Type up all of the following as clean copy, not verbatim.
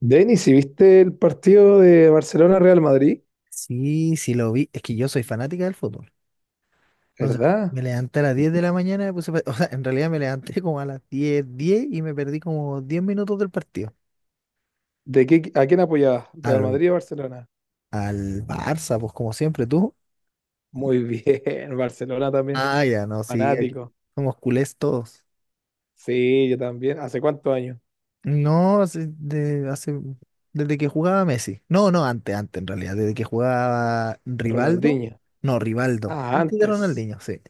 Denis, ¿y viste el partido de Barcelona-Real Madrid? Sí, sí lo vi. Es que yo soy fanática del fútbol. Entonces, ¿Verdad? me levanté a las 10 de la mañana, me puse o sea, en realidad me levanté como a las diez y me perdí como 10 minutos del partido. ¿De qué, a quién apoyabas? ¿Real Al, Madrid o Barcelona? al Barça, pues como siempre, tú. Muy bien, Barcelona también. Ah, ya, no, sí, aquí Fanático. somos culés todos. Sí, yo también. ¿Hace cuántos años? No, desde que jugaba Messi. No, no, antes, en realidad, desde que jugaba Rivaldo. Ronaldinho. No, Rivaldo, Ah, antes de antes. Ronaldinho, sí.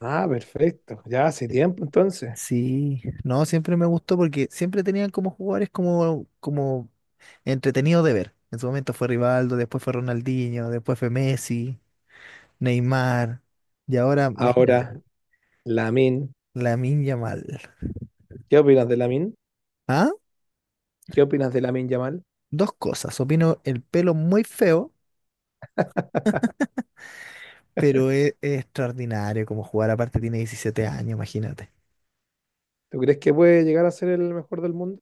Ah, perfecto. Ya hace tiempo entonces. Sí, no, siempre me gustó porque siempre tenían como jugadores como entretenidos de ver. En su momento fue Rivaldo, después fue Ronaldinho, después fue Messi, Neymar, y ahora, imagínate, Ahora, Lamine. Lamine Yamal. ¿Qué opinas de Lamine? ¿Ah? ¿Qué opinas de Lamine Yamal? Dos cosas. Opino el pelo muy feo, pero es extraordinario como jugar. Aparte tiene 17 años, imagínate. ¿Tú crees que puede llegar a ser el mejor del mundo?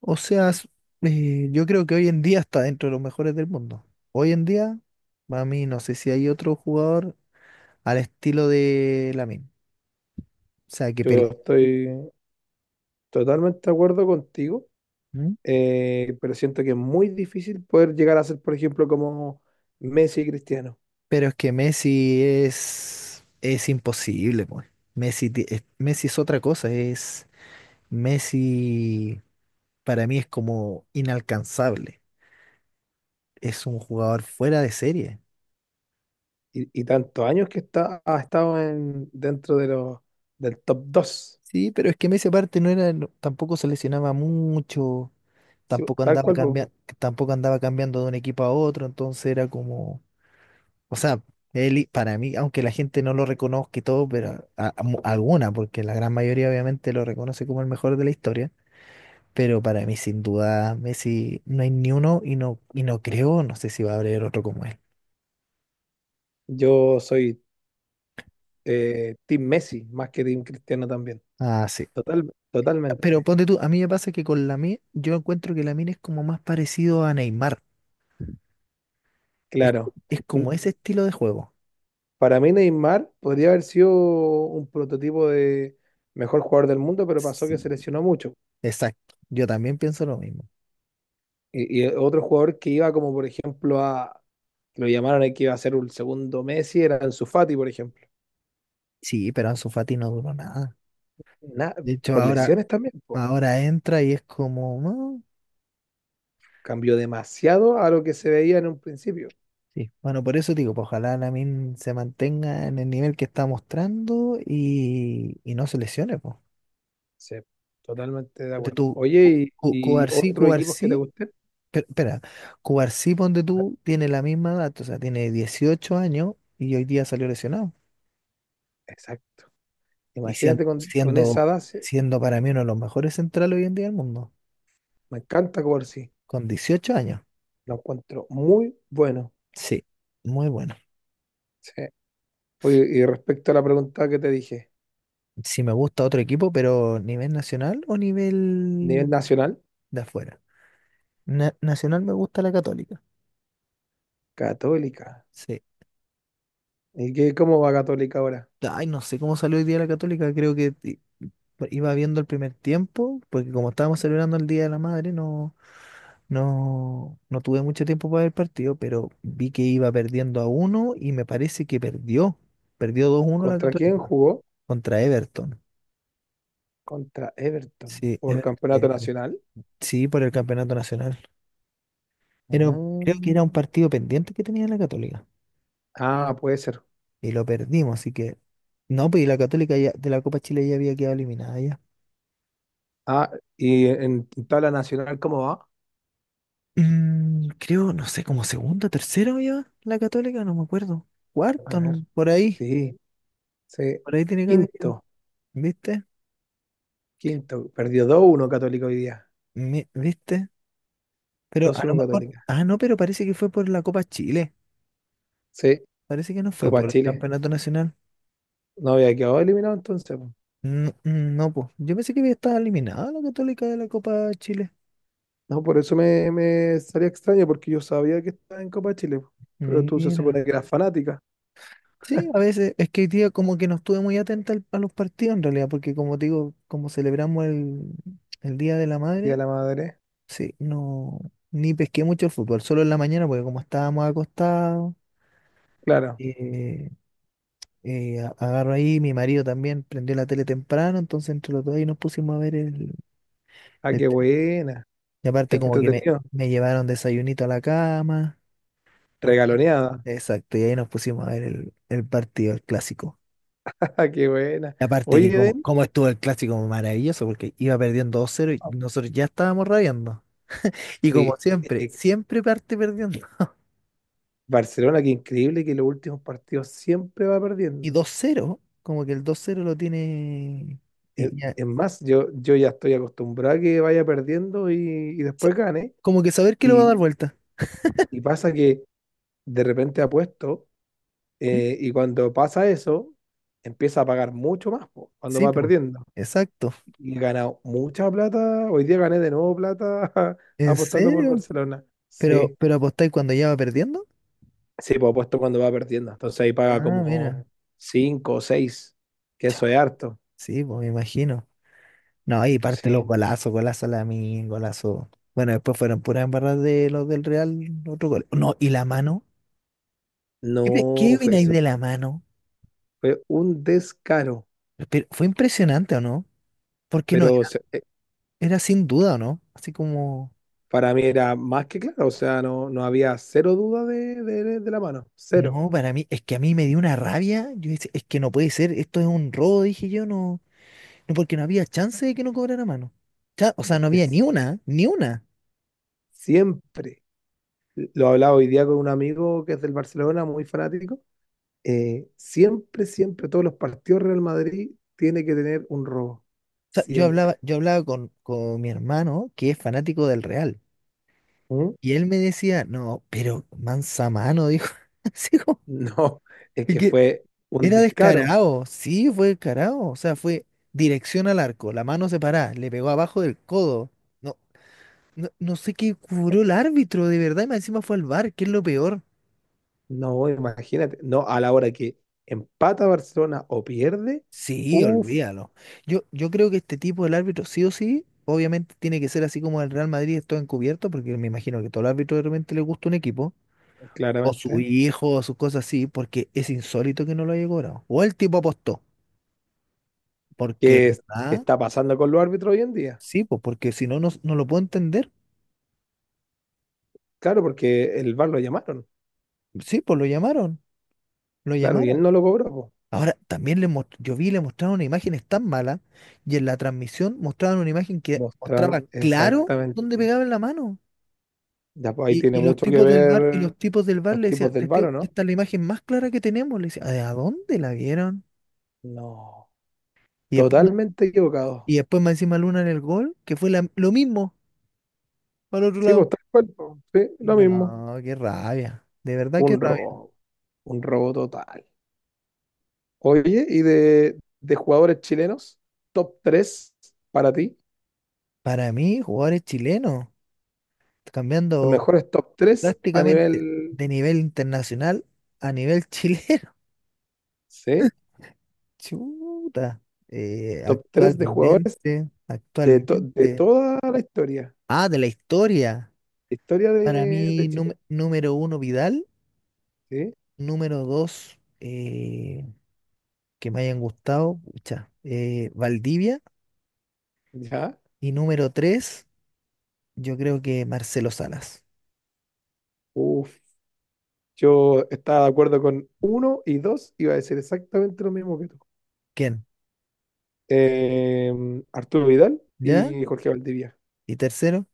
O sea, yo creo que hoy en día está dentro de los mejores del mundo. Hoy en día, para mí, no sé si hay otro jugador al estilo de Lamine. O sea, que pelea. Yo estoy totalmente de acuerdo contigo. ¿Mm? Pero siento que es muy difícil poder llegar a ser, por ejemplo, como Messi y Cristiano. Pero es que Messi es imposible, pues. Messi, Messi es otra cosa, es Messi para mí es como inalcanzable. Es un jugador fuera de serie. Y tantos años que está, ha estado en, dentro de los del top dos. Sí, pero es que Messi aparte no era, tampoco se lesionaba mucho, Sí, tampoco tal andaba cual, po. cambiando, tampoco andaba cambiando de un equipo a otro, entonces era como o sea, él, para mí, aunque la gente no lo reconozca y todo, pero alguna, porque la gran mayoría obviamente lo reconoce como el mejor de la historia, pero para mí sin duda Messi no hay ni uno y no, creo, no sé si va a haber otro como él. Yo soy Team Messi más que Team Cristiano también. Ah, sí. Total, Pero totalmente, ponte tú, a mí me pasa que con Lamine, yo encuentro que Lamine es como más parecido a Neymar, es, claro. es como N- ese estilo de juego. Para mí Neymar podría haber sido un prototipo de mejor jugador del mundo, pero pasó Sí. que se lesionó mucho. Exacto, yo también pienso lo mismo. Y otro jugador que iba como, por ejemplo, a, que lo llamaron y que iba a ser un segundo Messi, era Ansu Fati, por ejemplo. Sí, pero Ansu Fati no duró nada. Na- De hecho, por ahora, lesiones también, po. ahora entra y es como... "Ah, Cambió demasiado a lo que se veía en un principio. sí, bueno, por eso digo, pues ojalá Lamin se mantenga en el nivel que está mostrando y no se lesione, pues. Sí, totalmente de Ponte acuerdo. tú, Oye, ¿y Cubarsí, otros equipos que te Cubarsí, gusten? Espera, Cubarsí, ponte tú, tiene la misma edad, o sea, tiene 18 años y hoy día salió lesionado. Exacto. Y siendo, Imagínate con esa siendo, base, siendo para mí uno de los mejores centrales hoy en día del mundo, me encanta jugar, sí con 18 años. lo encuentro muy bueno. Sí, muy bueno. Sí. Oye, y respecto a la pregunta que te dije, Si me gusta otro equipo, pero nivel nacional o nivel nivel nacional, de afuera. Nacional me gusta la Católica. Católica. Sí. ¿Y qué, cómo va Católica ahora? Ay, no sé cómo salió hoy día la Católica, creo que iba viendo el primer tiempo, porque como estábamos celebrando el Día de la Madre, no, no tuve mucho tiempo para ver el partido, pero vi que iba perdiendo a uno y me parece que perdió. Perdió 2-1 la ¿Contra quién Católica jugó? contra Everton. Contra Everton Sí, por Everton de campeonato Viña. nacional. Sí, por el campeonato nacional. Pero creo que era Mm. un partido pendiente que tenía la Católica Ah, puede ser. y lo perdimos, así que no, pues y la Católica ya, de la Copa Chile ya había quedado eliminada. Ah, y en tabla nacional, ¿cómo va? Mm, creo, no sé, como segunda, tercera ya, la Católica, no me acuerdo. A Cuarta, ver. no, Sí, sí. por ahí tiene que haber ido, Quinto, ¿viste? quinto. Perdió dos uno Católica hoy día. ¿Viste? Pero Dos a lo uno mejor, Católica. ah, no, pero parece que fue por la Copa Chile, Sí, parece que no fue Copa por el Chile. Campeonato Nacional. No había quedado eliminado entonces, po. No, mm, no, pues, yo pensé que había estado eliminada la Católica de la Copa Chile. No, por eso me salía extraño, porque yo sabía que estaba en Copa Chile, po. Pero tú se Mira. supone que eras fanática. Sí, a veces es que hoy día como que no estuve muy atenta a los partidos en realidad, porque como te digo, como celebramos el Día de la Y a Madre, la madre. sí, no, ni pesqué mucho el fútbol, solo en la mañana, porque como estábamos acostados, Claro. eh, agarro ahí, mi marido también prendió la tele temprano, entonces entre los dos ahí nos pusimos a ver el, Ah, el qué tema. buena. Y Qué aparte como que me, entretenido. me llevaron desayunito a la cama, nos pusimos- Regaloneada. exacto, y ahí nos pusimos a ver el partido, el clásico. Ah, qué buena. Y aparte Oye, que como, Denis. como estuvo el clásico maravilloso, porque iba perdiendo 2-0 y nosotros ya estábamos rabiando. Y como Oye, siempre, eh, siempre parte perdiendo. Barcelona, qué increíble que en los últimos partidos siempre va Y perdiendo. 2-0 como que el 2-0 lo tiene... Es, y ya, es más, yo ya estoy acostumbrado a que vaya perdiendo y sa- después gane. como que saber que lo va a Y, dar vuelta. y pasa que de repente apuesto, ¿Mm? Y cuando pasa eso, empieza a pagar mucho más po, cuando Sí, va pues. perdiendo. Exacto. Y he ganado mucha plata. Hoy día gané de nuevo plata ¿En apostando por serio? Barcelona. ¿Pero, Sí, pero apostáis cuando ya va perdiendo? sí, pues apuesto cuando va perdiendo. Entonces ahí paga Ah, como mira. 5 o 6. Que Chao. eso es harto. Sí, pues me imagino. No, ahí parte los Sí, golazos, golazo Lamine, golazo. Bueno, después fueron puras embarradas de los del Real, otro gol. No, y la mano. ¿Qué, qué no, opináis de la mano? fue un descaro, Pero fue impresionante, ¿o no? Porque no pero era. Era sin duda, ¿o no? Así como. para mí era más que claro, o sea, no había cero duda de la mano, cero. No, para mí, es que a mí me dio una rabia. Yo dije, es que no puede ser, esto es un robo, dije yo, no, no, porque no había chance de que no cobrara mano. O sea, Es no que había ni una, ni una. siempre, lo hablaba hoy día con un amigo que es del Barcelona, muy fanático, siempre, siempre, todos los partidos Real Madrid tiene que tener un robo, O sea, siempre. Yo hablaba con mi hermano, que es fanático del Real, ¿Mm? y él me decía, no, pero mansa mano, dijo, así como, No, es es que que fue un era descaro, descarado, sí, fue descarado, o sea, fue dirección al arco, la mano separada, le pegó abajo del codo. No, no sé qué cobró el árbitro, de verdad, y más encima fue al bar que es lo peor. no, imagínate, no, a la hora que empata Barcelona o pierde. Sí, Uff, olvídalo. Yo creo que este tipo del árbitro, sí o sí, obviamente tiene que ser así como el Real Madrid, esto encubierto, porque me imagino que todo el árbitro de repente le gusta un equipo, o su claramente. hijo, o sus cosas así, porque es insólito que no lo haya cobrado. O el tipo apostó, porque, ¿Qué, qué ah, está pasando con los árbitros hoy en día? sí, pues porque si no, no, no lo puedo entender. Claro, porque el VAR lo llamaron, Sí, pues lo llamaron, lo claro, y llamaron. él no lo cobró, po. Ahora, también le yo vi, le mostraron imágenes tan malas, y en la transmisión mostraban una imagen que Mostrar mostraba claro dónde exactamente. pegaban la mano. Ya, pues, ahí Y, tiene y los mucho que tipos del bar, ver los le tipos decían, "Te del estoy- VAR, ¿o no? esta es la imagen más clara que tenemos." Le decía, ¿a dónde la vieron? No, Y después, totalmente equivocado. y después más encima Luna en el gol, que fue lo mismo para el otro Sí, lado. pues tal cual, po, sí, lo mismo. No, qué rabia. De verdad, qué Un rabia. robo, un robo total. Oye, ¿y de jugadores chilenos? Top 3 para ti, Para mí, jugadores chilenos, los cambiando mejores top 3 a prácticamente nivel, de nivel internacional a nivel chileno. ¿sí? Chuta. Top 3 de jugadores. Actualmente, De, de actualmente. toda la historia, Ah, de la historia. historia Para de, mí, de Chile, número uno, Vidal. ¿sí? Número dos, que me hayan gustado, pucha, Valdivia. ¿Ya? Y número tres, yo creo que Marcelo Salas. Uff, yo estaba de acuerdo con uno y dos, iba a decir exactamente lo mismo que tú. ¿Quién? Arturo Vidal ¿Ya? y Jorge Valdivia. ¿Y tercero?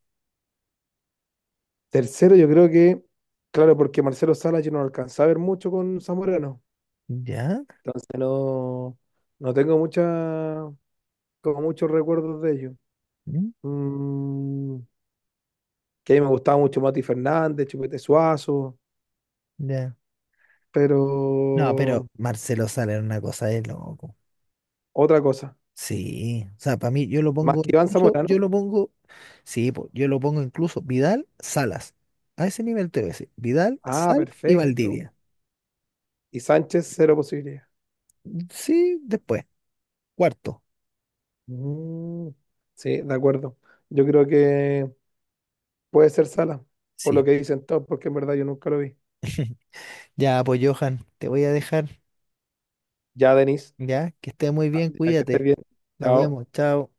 Tercero, yo creo que, claro, porque Marcelo Salas yo no lo alcanzaba a ver mucho con Zamorano, ¿Ya? entonces no, tengo mucha, como muchos recuerdos de ellos. ¿Mm? Mm, que a mí me gustaba mucho Mati Fernández, Chupete Suazo, ¿Ya? No, pero. pero Marcelo Salas era una cosa de loco. Otra cosa. Sí, o sea, para mí Más que Iván yo Zamorano. lo pongo, sí, po, yo lo pongo incluso Vidal, Salas. A ese nivel te voy a decir, Vidal, Ah, Salas y perfecto. Valdivia. Y Sánchez, cero posibilidad. Sí, después, cuarto. Mm, sí, de acuerdo. Yo creo que puede ser Sala, por lo Sí. que dicen todos, porque en verdad yo nunca lo vi. Ya, pues Johan, te voy a dejar. Ya, Denis, Ya, que estés muy bien, ya que estés cuídate. bien. Nos vemos, Chao. chao.